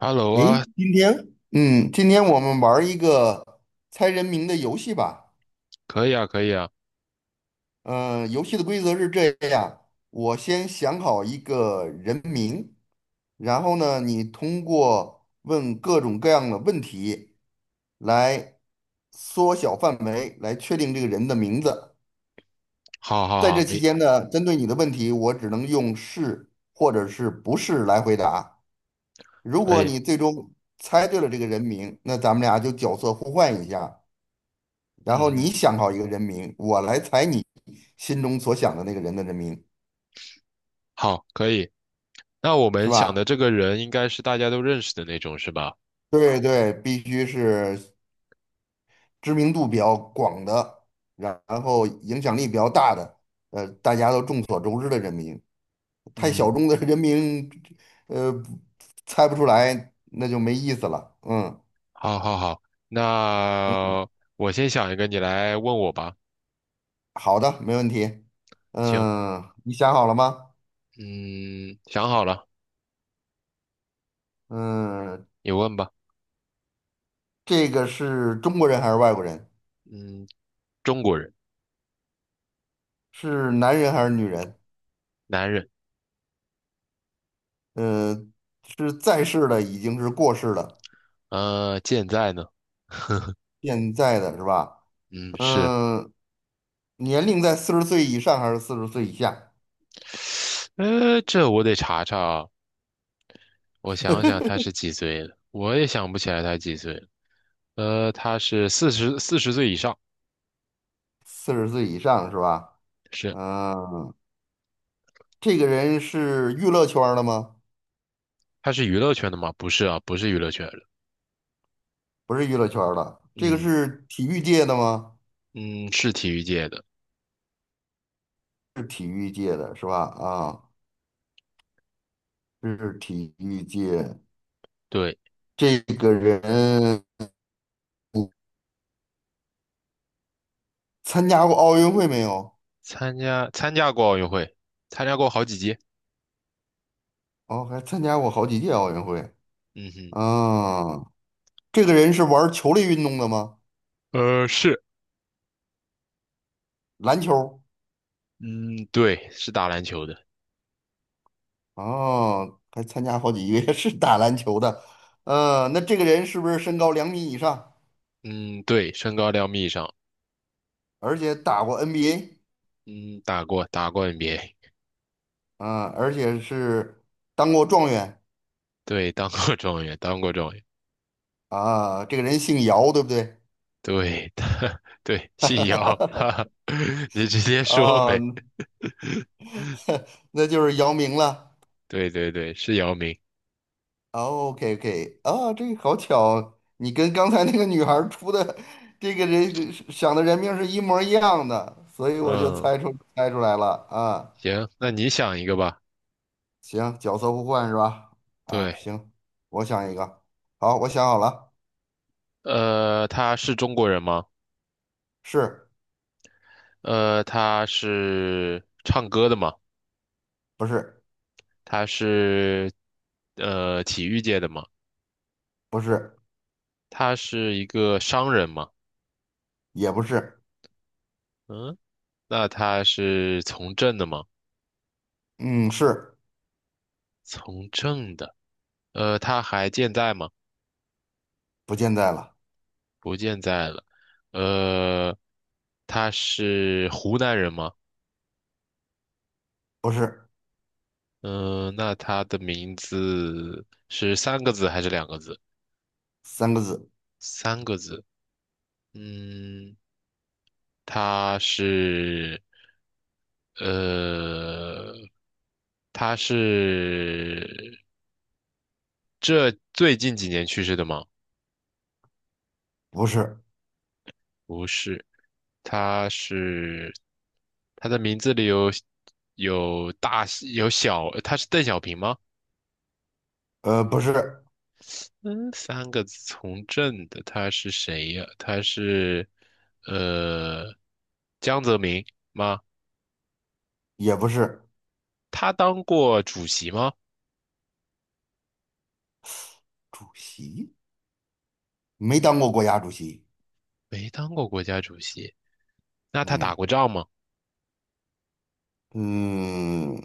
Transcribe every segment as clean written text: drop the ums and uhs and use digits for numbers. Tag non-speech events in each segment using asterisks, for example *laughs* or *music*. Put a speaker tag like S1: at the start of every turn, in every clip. S1: Hello
S2: 诶，
S1: 啊。
S2: 今天，今天我们玩儿一个猜人名的游戏吧。
S1: 可以啊，可以啊。
S2: 嗯、游戏的规则是这样：我先想好一个人名，然后呢，你通过问各种各样的问题来缩小范围，来确定这个人的名字。
S1: 好好
S2: 在
S1: 好。
S2: 这期
S1: 没
S2: 间呢，针对你的问题，我只能用是或者是不是来回答。如
S1: 可
S2: 果
S1: 以。
S2: 你最终猜对了这个人名，那咱们俩就角色互换一下。
S1: 嗯
S2: 然后你
S1: 嗯。
S2: 想好一个人名，我来猜你心中所想的那个人的人名，
S1: 好，可以。那我
S2: 是
S1: 们想的
S2: 吧？
S1: 这个人应该是大家都认识的那种，是吧？
S2: 对对，必须是知名度比较广的，然后影响力比较大的，大家都众所周知的人名。太小
S1: 嗯。
S2: 众的人名，呃，猜不出来，那就没意思了。嗯，
S1: 好好好。那我先想一个，你来问我吧。
S2: 好的，没问题。
S1: 行。
S2: 嗯，你想好了吗？
S1: 嗯，想好了，
S2: 嗯，
S1: 你问吧。
S2: 这个是中国人还是外国人？
S1: 嗯，中国人。
S2: 是男人还是女人？
S1: 男人。
S2: 嗯、是在世的已经是过世的，
S1: 健在呢？
S2: 现在的是吧？
S1: 嗯，是。
S2: 嗯、年龄在四十岁以上还是四十岁以下？
S1: 这我得查查啊，我想想他是几岁了，我也想不起来他几岁了。他是四十岁以上。
S2: 四十岁以上是吧？
S1: 是。
S2: 嗯、这个人是娱乐圈儿的吗？
S1: 他是娱乐圈的吗？不是啊，不是娱乐圈的。
S2: 不是娱乐圈儿的，这个
S1: 嗯
S2: 是体育界的吗？
S1: 嗯，是体育界的。
S2: 是体育界的是吧？啊，是体育界。
S1: 对，
S2: 这个人参加过奥运会没有？
S1: 参加过奥运会，参加过好几届。
S2: 哦，还参加过好几届奥运会。
S1: 嗯哼。
S2: 啊，这个人是玩儿球类运动的吗？
S1: 是。
S2: 篮球
S1: 嗯，对，是打篮球的。
S2: 哦，还参加好几个 *laughs* 是打篮球的，呃，那这个人是不是身高两米以上，
S1: 嗯，对，身高两米以上。
S2: 而且打过 NBA
S1: 嗯，打过 NBA。
S2: 啊，而且是当过状元
S1: 对，当过状元，当过状元。
S2: 啊？这个人姓姚，对不对？
S1: 对，他 *laughs* 对，姓姚，*laughs* 哈哈，*laughs* 你直接说
S2: 啊，
S1: 呗。
S2: 那就是姚明了。
S1: 对对对，是姚明。
S2: OK OK，啊，这个好巧，你跟刚才那个女孩儿出的这个人想的人名是一模一样的，所以我就
S1: 嗯。
S2: 猜出来了啊。
S1: 行，那你想一个吧。
S2: 行，角色互换是吧？啊，
S1: 对。
S2: 行，我想一个。好，我想好了，
S1: 他是中国人吗？
S2: 是
S1: 他是唱歌的嘛？
S2: 不是？
S1: 他是体育界的嘛？
S2: 不是，
S1: 他是一个商人嘛？
S2: 也不是。
S1: 嗯，那他是从政的嘛？
S2: 嗯，是，
S1: 从政的。他还健在吗？
S2: 不见在了，
S1: 不健在了。呃，他是湖南人吗？
S2: 不是，
S1: 嗯，那他的名字是三个字还是两个字？
S2: 三个字，
S1: 三个字。嗯。他是呃，他是这最近几年去世的吗？
S2: 不是，
S1: 不是。他是他的名字里有大有小，他是邓小平吗？
S2: 不是，
S1: 嗯，三个字从政的，他是谁呀？他是呃江泽民吗？
S2: 也不是。
S1: 他当过主席吗？
S2: 主席没当过国家主席。
S1: 没当过国家主席。那他
S2: 嗯
S1: 打过仗吗？
S2: 嗯，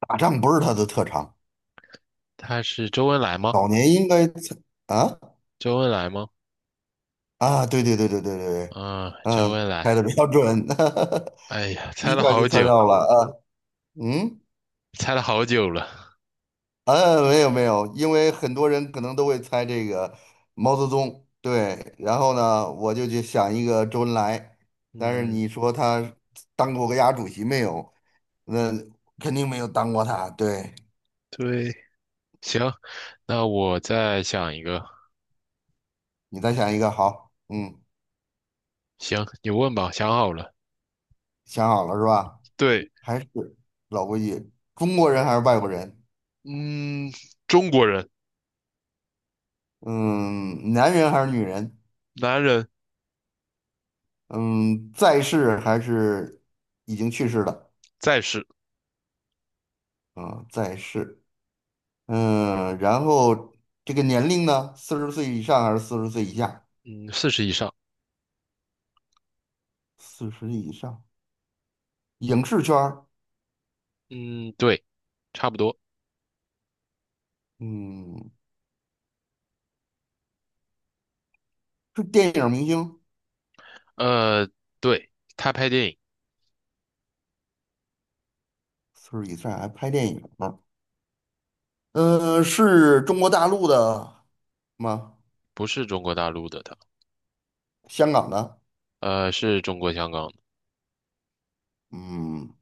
S2: 打仗不是他的特长，
S1: 他是周恩来吗？
S2: 早年应该曾啊
S1: 周恩来吗？
S2: 啊，对对对对对对对，
S1: 啊，周
S2: 嗯，
S1: 恩
S2: 猜的
S1: 来。
S2: 比较准，
S1: 哎呀，
S2: *laughs*
S1: 猜
S2: 一
S1: 了
S2: 下就
S1: 好
S2: 猜
S1: 久。
S2: 到了啊，嗯。
S1: 猜了好久了。
S2: 嗯，没有没有，因为很多人可能都会猜这个毛泽东，对，然后呢，我就去想一个周恩来，但是
S1: 嗯，
S2: 你说他当过国家主席没有？那肯定没有当过他，对，
S1: 对。行，那我再想一个。
S2: 你再想一个，好，嗯，
S1: 行，你问吧，想好了。
S2: 想好了是吧？
S1: 对。
S2: 还是老规矩，中国人还是外国人？
S1: 嗯，中国人。
S2: 嗯，男人还是女人？
S1: 男人。
S2: 嗯，在世还是已经去世的？
S1: 在世。
S2: 嗯，在世。嗯，然后这个年龄呢，四十岁以上还是四十岁以下？
S1: 嗯，四十以上。
S2: 四十以上，影视圈儿，
S1: 嗯，对，差不多。
S2: 嗯，是电影明星，
S1: 呃，对，他拍电影。
S2: 四十以上还拍电影呢。嗯，是中国大陆的吗？
S1: 不是中国大陆的他。
S2: 香港的？
S1: 是中国香港的。
S2: 嗯，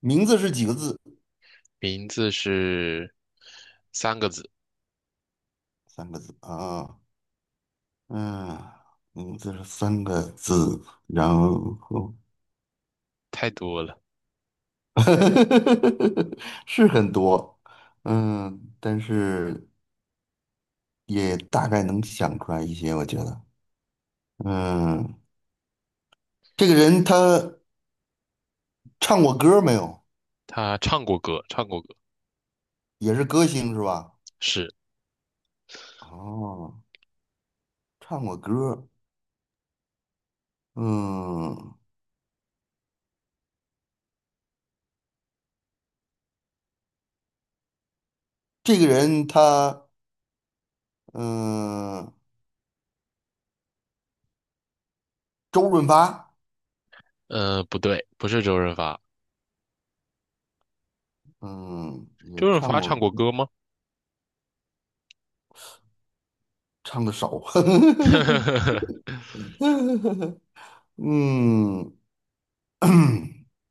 S2: 名字是几个字？
S1: 名字是三个字。
S2: 三个字啊，嗯，名字是三个字，然后
S1: 太多了。
S2: *laughs* 是很多，嗯，但是。也大概能想出来一些，我觉得。嗯，这个人他唱过歌没有？
S1: 他唱过歌，唱过歌。
S2: 也是歌星是吧？
S1: 是。
S2: 哦，唱过歌。嗯，这个人他嗯，周润发，
S1: 不对，不是周润发。
S2: 嗯，也
S1: 周润
S2: 唱
S1: 发
S2: 过，
S1: 唱过歌吗？
S2: 唱的少。
S1: *laughs*
S2: *laughs* 嗯 *clears throat*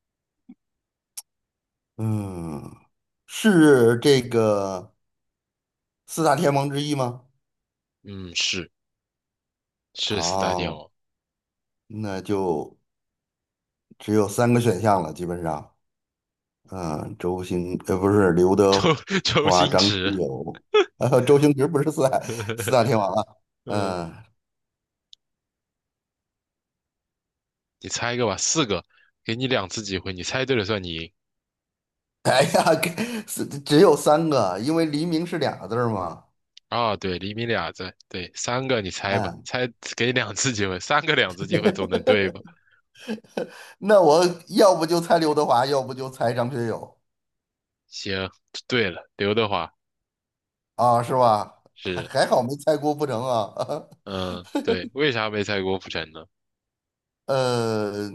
S2: 嗯，是这个四大天王之一吗？
S1: 嗯，是，是四大天
S2: 哦，
S1: 王。
S2: 那就只有三个选项了，基本上，嗯，不是刘德
S1: 周 *laughs* 周
S2: 华、
S1: 星
S2: 张学
S1: 驰。
S2: 友，周星驰不是四大天王啊，
S1: *laughs* 嗯，
S2: 嗯，
S1: 你猜一个吧，四个，给你两次机会，你猜对了算你赢。
S2: *laughs* 哎呀，给是只有三个，因为黎明是俩字儿嘛，
S1: 啊，对，厘米俩字，对，三个你猜吧，
S2: 嗯，
S1: 猜给你两次机会，三个两次机会总能对吧？
S2: 那我要不就猜刘德华，要不就猜张学友
S1: 行，对了，刘德华
S2: 啊，是吧？还
S1: 是。
S2: 还好没猜郭富城啊，
S1: 嗯，对，为啥没猜郭富城呢？
S2: *laughs* 呃，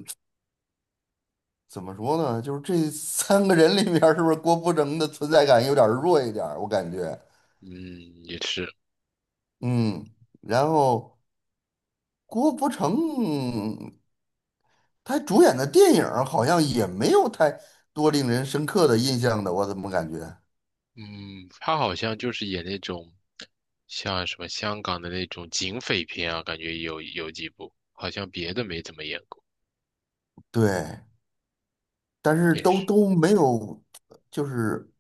S2: 怎么说呢？就是这三个人里面，是不是郭富城的存在感有点儿弱一点儿？我感觉。
S1: 嗯，也是。
S2: 嗯，然后郭富城他主演的电影儿好像也没有太多令人深刻的印象的，我怎么感觉？
S1: 嗯，他好像就是演那种像什么香港的那种警匪片啊，感觉有几部，好像别的没怎么演过，
S2: 对，但是
S1: 也
S2: 都
S1: 是。
S2: 都没有，就是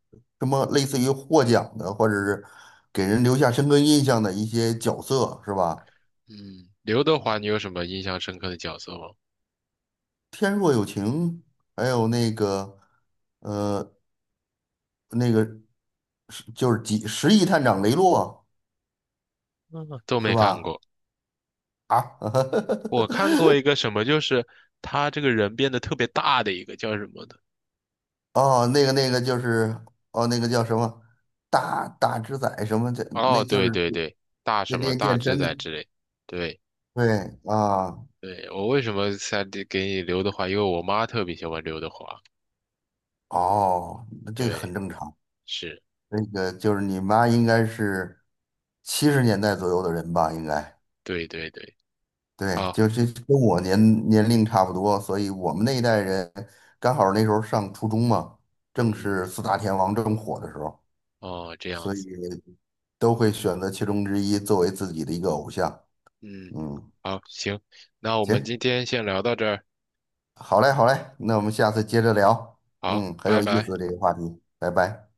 S2: 什么类似于获奖的，或者是给人留下深刻印象的一些角色，是吧？
S1: 嗯，刘德华，你有什么印象深刻的角色吗？
S2: 《天若有情》，还有那个呃那个是就是几《十亿探长雷洛》，
S1: 嗯，都
S2: 是
S1: 没看
S2: 吧？
S1: 过。
S2: 啊，
S1: 我看过
S2: *laughs*
S1: 一个什么，就是他这个人变得特别大的一个叫什么的？
S2: 哦，那个就是哦，那个叫什么大只仔什么的，那
S1: 哦，
S2: 就
S1: 对
S2: 是
S1: 对对，大
S2: 那
S1: 什么
S2: 练
S1: 大
S2: 健
S1: 只
S2: 身的。
S1: 仔之类。对
S2: 对啊，
S1: 对，我为什么才给你刘德华？因为我妈特别喜欢刘德华。
S2: 哦，那这个很
S1: 对。
S2: 正常。
S1: 是。
S2: 那个就是你妈应该是七十年代左右的人吧，应该
S1: 对对对。
S2: 对，
S1: 好。
S2: 就是跟我年龄差不多，所以我们那一代人刚好那时候上初中嘛，正
S1: 嗯。
S2: 是四大天王正火的时候，
S1: 哦，这样
S2: 所以
S1: 子。
S2: 都会选择其中之一作为自己的一个偶像。
S1: 嗯。
S2: 嗯，
S1: 好，行，那我们
S2: 行。
S1: 今天先聊到这儿。
S2: 好嘞，好嘞，那我们下次接着聊。
S1: 好，
S2: 嗯，很
S1: 拜
S2: 有意
S1: 拜。
S2: 思这个话题，拜拜。